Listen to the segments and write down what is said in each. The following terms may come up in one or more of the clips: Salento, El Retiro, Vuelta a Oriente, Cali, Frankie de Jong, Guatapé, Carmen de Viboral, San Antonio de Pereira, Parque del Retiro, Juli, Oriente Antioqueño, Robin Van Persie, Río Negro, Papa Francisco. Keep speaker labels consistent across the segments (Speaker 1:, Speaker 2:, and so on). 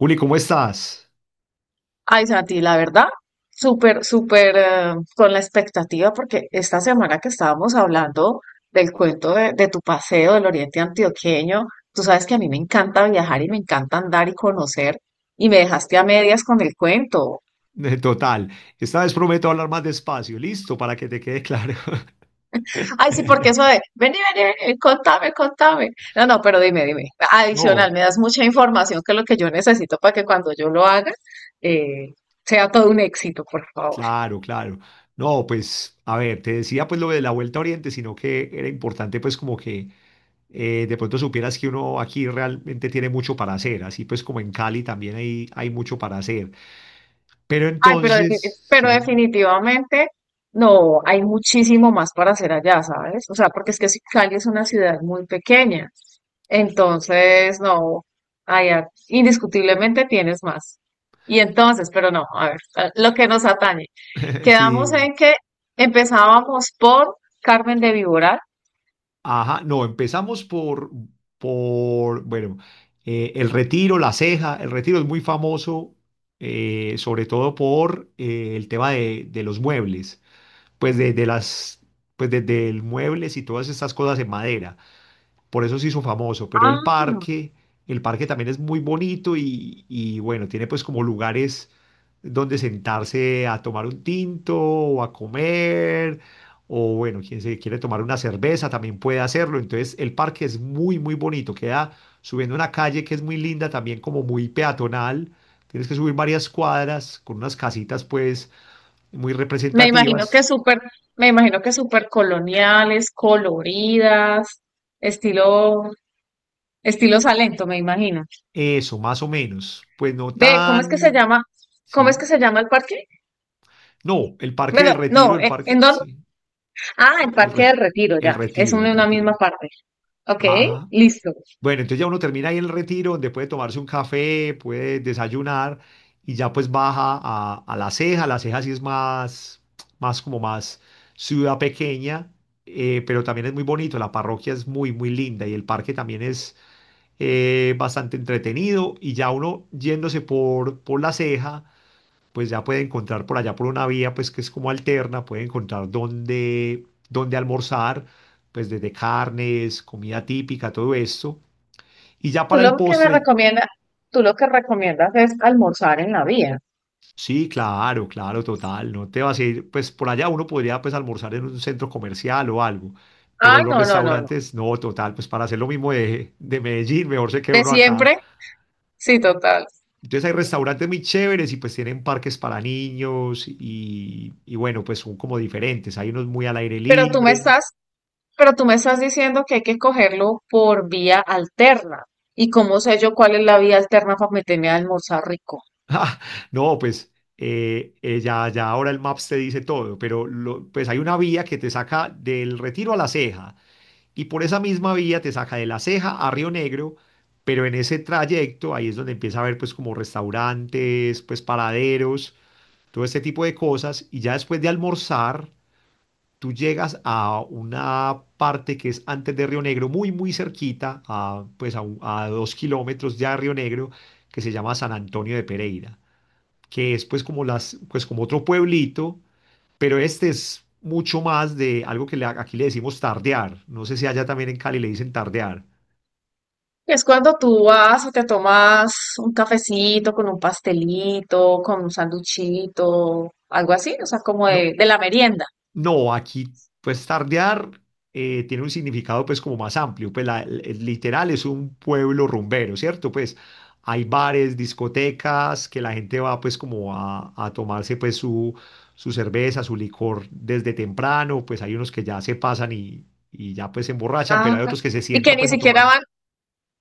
Speaker 1: Juli, ¿cómo estás?
Speaker 2: Ay, Santi, la verdad, súper, súper con la expectativa, porque esta semana que estábamos hablando del cuento de tu paseo del Oriente Antioqueño, tú sabes que a mí me encanta viajar y me encanta andar y conocer, y me dejaste a medias con el cuento.
Speaker 1: Total, esta vez prometo hablar más despacio, listo, para que te quede claro.
Speaker 2: Ay, sí, porque eso de, vení, vení, vení, contame, contame. No, no, pero dime, dime.
Speaker 1: No,
Speaker 2: Adicional, me das mucha información que es lo que yo necesito para que cuando yo lo haga, eh, sea todo un éxito, por favor.
Speaker 1: claro, claro. No, pues, a ver, te decía pues lo de la Vuelta a Oriente, sino que era importante pues como que de pronto supieras que uno aquí realmente tiene mucho para hacer, así pues como en Cali también hay mucho para hacer. Pero
Speaker 2: Ay, pero,
Speaker 1: entonces,
Speaker 2: pero
Speaker 1: sí,
Speaker 2: definitivamente no, hay muchísimo más para hacer allá, ¿sabes? O sea, porque es que Cali es una ciudad muy pequeña, entonces no, allá indiscutiblemente tienes más. Y entonces, pero no, a ver, lo que nos atañe. Quedamos
Speaker 1: sí,
Speaker 2: en que empezábamos por Carmen de Viboral.
Speaker 1: ajá, no, empezamos por bueno, el Retiro, La Ceja. El Retiro es muy famoso, sobre todo por el tema de los muebles, pues pues de muebles y todas estas cosas en madera, por eso se hizo famoso, pero
Speaker 2: Ah,
Speaker 1: el parque también es muy bonito y bueno, tiene pues como lugares donde sentarse a tomar un tinto o a comer, o bueno, quien se quiere tomar una cerveza también puede hacerlo, entonces el parque es muy, muy bonito, queda subiendo una calle que es muy linda, también como muy peatonal, tienes que subir varias cuadras con unas casitas pues muy
Speaker 2: me imagino que
Speaker 1: representativas,
Speaker 2: súper, me imagino que súper coloniales, coloridas, estilo, estilo Salento, me imagino.
Speaker 1: eso, más o menos, pues no
Speaker 2: Ve, ¿cómo es que se
Speaker 1: tan...
Speaker 2: llama? ¿Cómo es que
Speaker 1: Sí,
Speaker 2: se llama el parque?
Speaker 1: no, el Parque
Speaker 2: Bueno,
Speaker 1: del Retiro,
Speaker 2: no,
Speaker 1: el
Speaker 2: ¿en
Speaker 1: Parque,
Speaker 2: dónde?
Speaker 1: sí,
Speaker 2: Ah, el
Speaker 1: el,
Speaker 2: Parque
Speaker 1: re-
Speaker 2: del Retiro,
Speaker 1: el
Speaker 2: ya. Es
Speaker 1: Retiro, el
Speaker 2: una
Speaker 1: Retiro.
Speaker 2: misma parte. Ok,
Speaker 1: Ajá.
Speaker 2: listo.
Speaker 1: Bueno, entonces ya uno termina ahí en el Retiro, donde puede tomarse un café, puede desayunar y ya pues baja a La Ceja. La Ceja sí es más, más como más ciudad pequeña, pero también es muy bonito, la parroquia es muy, muy linda y el parque también es bastante entretenido y ya uno yéndose por La Ceja pues ya puede encontrar por allá por una vía, pues que es como alterna, puede encontrar dónde, dónde almorzar, pues desde carnes, comida típica, todo esto. Y ya
Speaker 2: Tú
Speaker 1: para el
Speaker 2: lo que me
Speaker 1: postre,
Speaker 2: recomiendas, tú lo que recomiendas es almorzar en la vía.
Speaker 1: sí, claro, claro, total, no te vas a ir, pues por allá uno podría pues almorzar en un centro comercial o algo, pero
Speaker 2: Ay,
Speaker 1: los
Speaker 2: no, no, no, no.
Speaker 1: restaurantes, no, total, pues para hacer lo mismo de Medellín, mejor se queda
Speaker 2: ¿De
Speaker 1: uno acá.
Speaker 2: siempre? Sí, total.
Speaker 1: Entonces hay restaurantes muy chéveres y pues tienen parques para niños y bueno, pues son como diferentes. Hay unos muy al aire
Speaker 2: Pero tú me
Speaker 1: libre.
Speaker 2: estás, pero tú me estás diciendo que hay que cogerlo por vía alterna. ¿Y cómo sé yo cuál es la vía alterna para meterme a almorzar rico?
Speaker 1: Ah, no, pues ya, ya ahora el Maps te dice todo, pero pues hay una vía que te saca del Retiro a La Ceja y por esa misma vía te saca de La Ceja a Río Negro, pero en ese trayecto ahí es donde empieza a haber pues como restaurantes, pues paraderos, todo este tipo de cosas y ya después de almorzar tú llegas a una parte que es antes de Río Negro, muy muy cerquita, a, pues a, a 2 km ya de Río Negro, que se llama San Antonio de Pereira, que es pues como las, pues como otro pueblito, pero este es mucho más de algo que aquí le decimos tardear. No sé si allá también en Cali le dicen tardear.
Speaker 2: Es cuando tú vas y te tomas un cafecito con un pastelito, con un sanduchito, algo así, o sea, como
Speaker 1: No,
Speaker 2: de la merienda.
Speaker 1: no, aquí pues tardear tiene un significado pues como más amplio, pues el literal es un pueblo rumbero, ¿cierto? Pues hay bares, discotecas, que la gente va pues como a tomarse pues su cerveza, su licor desde temprano, pues hay unos que ya se pasan y ya pues se emborrachan, pero hay
Speaker 2: Ajá.
Speaker 1: otros que se
Speaker 2: Y que
Speaker 1: sientan
Speaker 2: ni
Speaker 1: pues a tomar.
Speaker 2: siquiera van,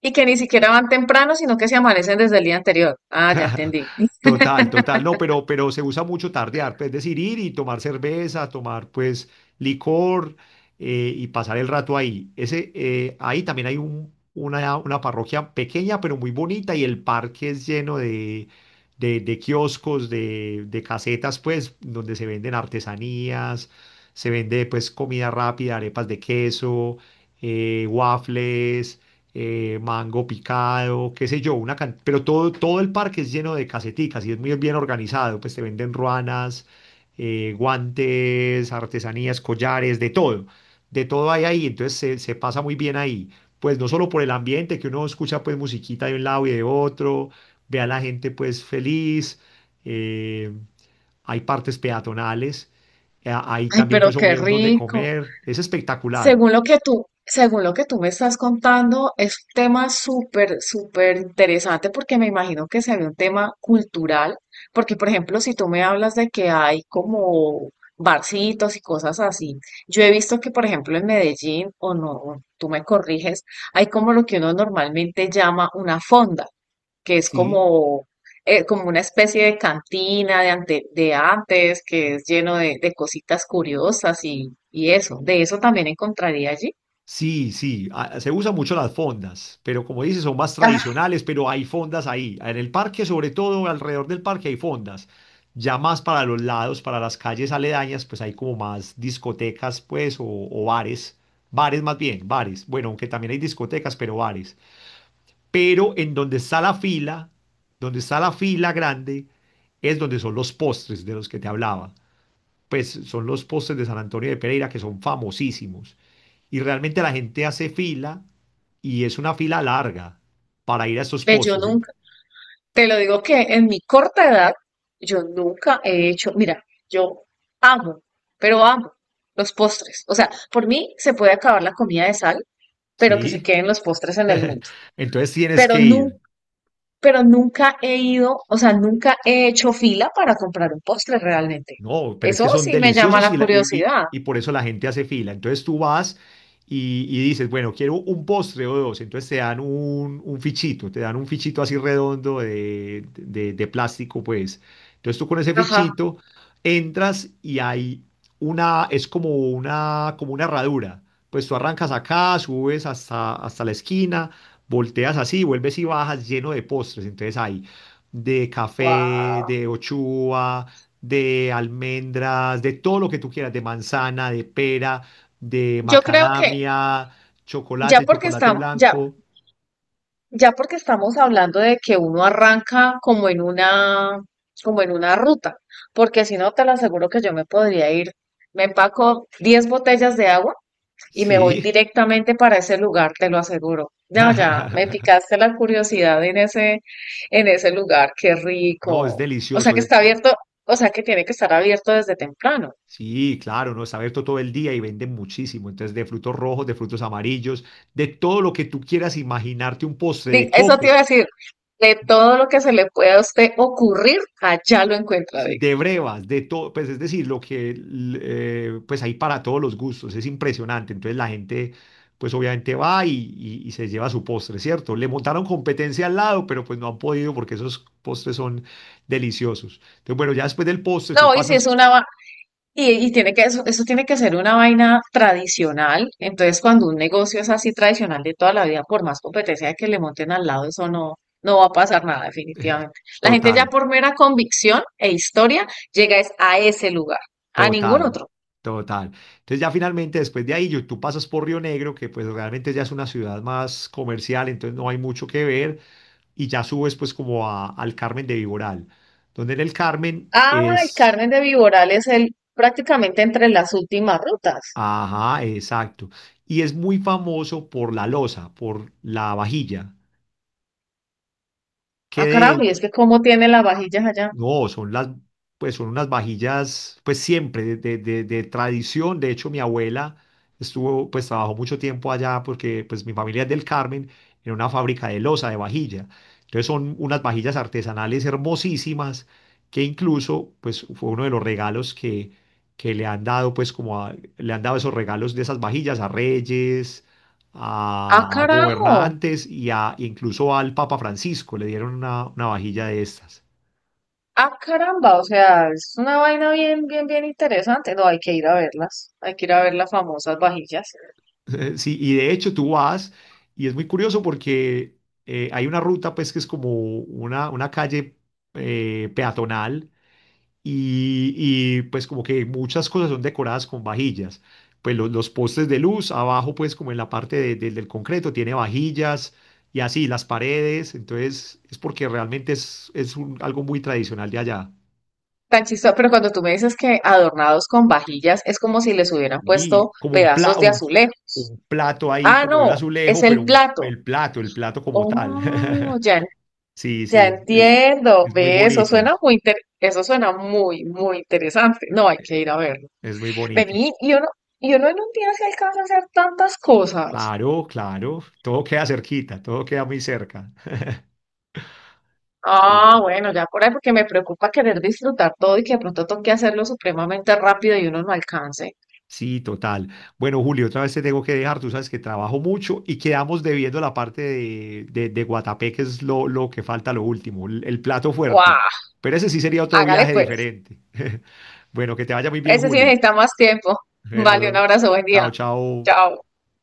Speaker 2: y que ni siquiera van temprano, sino que se amanecen desde el día anterior. Ah, ya entendí.
Speaker 1: Total, total. No, pero se usa mucho tardear, pues, es decir, ir y tomar cerveza, tomar pues licor, y pasar el rato ahí. Ese, ahí también hay una parroquia pequeña, pero muy bonita y el parque es lleno de, de kioscos, de casetas, pues, donde se venden artesanías, se vende pues comida rápida, arepas de queso, waffles, mango picado, qué sé yo, pero todo, todo el parque es lleno de caseticas y es muy bien organizado, pues te venden ruanas, guantes, artesanías, collares, de todo hay ahí, entonces se pasa muy bien ahí, pues no solo por el ambiente, que uno escucha pues musiquita de un lado y de otro, ve a la gente pues feliz, eh, hay partes peatonales, hay
Speaker 2: Ay,
Speaker 1: también
Speaker 2: pero
Speaker 1: pues
Speaker 2: qué
Speaker 1: obvio donde
Speaker 2: rico.
Speaker 1: comer, es espectacular,
Speaker 2: Según lo que tú, según lo que tú me estás contando, es un tema súper, súper interesante porque me imagino que sería un tema cultural, porque por ejemplo, si tú me hablas de que hay como barcitos y cosas así, yo he visto que por ejemplo en Medellín, o no, tú me corriges, hay como lo que uno normalmente llama una fonda que es
Speaker 1: sí.
Speaker 2: como, como una especie de cantina de, de antes, que es lleno de cositas curiosas y eso. De eso también encontraría allí.
Speaker 1: Sí, sí, ah, se usan mucho las fondas, pero como dices, son más
Speaker 2: Ah,
Speaker 1: tradicionales, pero hay fondas ahí. En el parque, sobre todo, alrededor del parque hay fondas. Ya más para los lados, para las calles aledañas, pues hay como más discotecas, pues, o bares. Bares más bien, bares. Bueno, aunque también hay discotecas, pero bares. Pero en donde está la fila, donde está la fila grande, es donde son los postres de los que te hablaba. Pues son los postres de San Antonio de Pereira que son famosísimos. Y realmente la gente hace fila y es una fila larga para ir a esos
Speaker 2: ve, yo
Speaker 1: postes.
Speaker 2: nunca, te lo digo que en mi corta edad, yo nunca he hecho, mira, yo amo, pero amo los postres. O sea, por mí se puede acabar la comida de sal, pero que se
Speaker 1: ¿Sí?
Speaker 2: queden los postres en el mundo.
Speaker 1: Entonces tienes
Speaker 2: Pero
Speaker 1: que
Speaker 2: nunca
Speaker 1: ir.
Speaker 2: pero nunca he ido, o sea, nunca he hecho fila para comprar un postre realmente.
Speaker 1: No, pero es que
Speaker 2: Eso
Speaker 1: son
Speaker 2: sí me llama
Speaker 1: deliciosos
Speaker 2: la
Speaker 1: y,
Speaker 2: curiosidad.
Speaker 1: y por eso la gente hace fila. Entonces tú vas y dices, bueno, quiero un postre o dos. Entonces te dan un fichito, te dan un fichito así redondo de plástico, pues. Entonces tú con ese
Speaker 2: Ajá,
Speaker 1: fichito entras y hay una, es como una herradura. Pues tú arrancas acá, subes hasta, hasta la esquina, volteas así, vuelves y bajas lleno de postres. Entonces ahí de café,
Speaker 2: wow.
Speaker 1: de ochuva, de almendras, de todo lo que tú quieras, de manzana, de pera, de
Speaker 2: Yo creo que
Speaker 1: macadamia,
Speaker 2: ya
Speaker 1: chocolate,
Speaker 2: porque
Speaker 1: chocolate
Speaker 2: estamos, ya,
Speaker 1: blanco.
Speaker 2: ya porque estamos hablando de que uno arranca como en una ruta, porque si no te lo aseguro que yo me podría ir. Me empaco 10 botellas de agua y me voy
Speaker 1: Sí.
Speaker 2: directamente para ese lugar, te lo aseguro. Ya, ya, me picaste la curiosidad en ese lugar, qué
Speaker 1: No, es
Speaker 2: rico. O sea
Speaker 1: delicioso.
Speaker 2: que está abierto, o sea que tiene que estar abierto desde temprano.
Speaker 1: Sí, claro, no, está abierto todo el día y venden muchísimo. Entonces, de frutos rojos, de frutos amarillos, de todo lo que tú quieras imaginarte, un postre de
Speaker 2: Eso te
Speaker 1: coco.
Speaker 2: iba a decir, de todo lo que se le pueda a usted ocurrir, allá lo encuentra,
Speaker 1: Sí,
Speaker 2: digo.
Speaker 1: de brevas, de todo, pues es decir, lo que pues hay para todos los gustos, es impresionante. Entonces la gente pues obviamente va y, y se lleva su postre, ¿cierto? Le montaron competencia al lado, pero pues no han podido porque esos postres son deliciosos. Entonces bueno, ya después del postre tú
Speaker 2: No, y si es
Speaker 1: pasas
Speaker 2: una, y tiene que, eso tiene que ser una vaina tradicional. Entonces, cuando un negocio es así tradicional de toda la vida, por más competencia que le monten al lado, eso no, no va a pasar nada, definitivamente. La gente ya
Speaker 1: total,
Speaker 2: por mera convicción e historia llega es a ese lugar, a ningún
Speaker 1: total,
Speaker 2: otro.
Speaker 1: total. Entonces ya finalmente después de ahí tú pasas por Río Negro, que pues realmente ya es una ciudad más comercial, entonces no hay mucho que ver y ya subes pues como al Carmen de Viboral, donde en el Carmen
Speaker 2: Ah, el
Speaker 1: es,
Speaker 2: Carmen de Viboral es el prácticamente entre las últimas rutas.
Speaker 1: ajá, exacto, y es muy famoso por la loza, por la vajilla, que
Speaker 2: Ah, carajo,
Speaker 1: de...
Speaker 2: y es que cómo tiene las vajillas allá.
Speaker 1: No, son las, pues son unas vajillas, pues siempre de, de tradición. De hecho, mi abuela estuvo, pues trabajó mucho tiempo allá porque pues mi familia es del Carmen, en una fábrica de loza, de vajilla. Entonces son unas vajillas artesanales hermosísimas que incluso, pues fue uno de los regalos que le han dado, pues como le han dado esos regalos de esas vajillas a reyes,
Speaker 2: Ah,
Speaker 1: a
Speaker 2: carajo.
Speaker 1: gobernantes y a incluso al Papa Francisco le dieron una vajilla de estas.
Speaker 2: Ah, caramba, o sea, es una vaina bien, bien, bien interesante. No, hay que ir a verlas. Hay que ir a ver las famosas vajillas.
Speaker 1: Sí, y de hecho tú vas, y es muy curioso porque hay una ruta, pues, que es como una calle peatonal, y, y, pues como que muchas cosas son decoradas con vajillas. Pues los postes de luz, abajo, pues como en la parte del concreto, tiene vajillas y así las paredes. Entonces, es porque realmente es algo muy tradicional de allá.
Speaker 2: Tan chistoso, pero cuando tú me dices que adornados con vajillas, es como si les hubieran
Speaker 1: Y
Speaker 2: puesto
Speaker 1: como
Speaker 2: pedazos de azulejo.
Speaker 1: un plato ahí,
Speaker 2: Ah,
Speaker 1: como de un
Speaker 2: no, es
Speaker 1: azulejo, pero
Speaker 2: el plato.
Speaker 1: el plato como tal.
Speaker 2: Oh, ya,
Speaker 1: Sí,
Speaker 2: ya
Speaker 1: sí,
Speaker 2: entiendo.
Speaker 1: es muy
Speaker 2: Ve, eso
Speaker 1: bonito,
Speaker 2: suena muy eso suena muy, muy interesante. No, hay que ir a verlo.
Speaker 1: es muy bonito.
Speaker 2: Vení, y uno en un día se alcanza a hacer tantas cosas.
Speaker 1: Claro, claro, todo queda cerquita, todo queda muy cerca. Sí,
Speaker 2: Ah, bueno, ya por ahí porque me preocupa querer disfrutar todo y que de pronto toque hacerlo supremamente rápido y uno no alcance.
Speaker 1: sí, total. Bueno, Julio, otra vez te tengo que dejar, tú sabes que trabajo mucho y quedamos debiendo la parte de Guatapé, que es lo que falta, lo último, el plato fuerte.
Speaker 2: ¡Guau!
Speaker 1: Pero ese sí sería otro
Speaker 2: Hágale
Speaker 1: viaje
Speaker 2: pues.
Speaker 1: diferente. Bueno, que te vaya muy bien,
Speaker 2: Ese sí
Speaker 1: Juli.
Speaker 2: necesita más tiempo. Vale, un
Speaker 1: Pero,
Speaker 2: abrazo, buen
Speaker 1: chao,
Speaker 2: día.
Speaker 1: chao.
Speaker 2: Chao.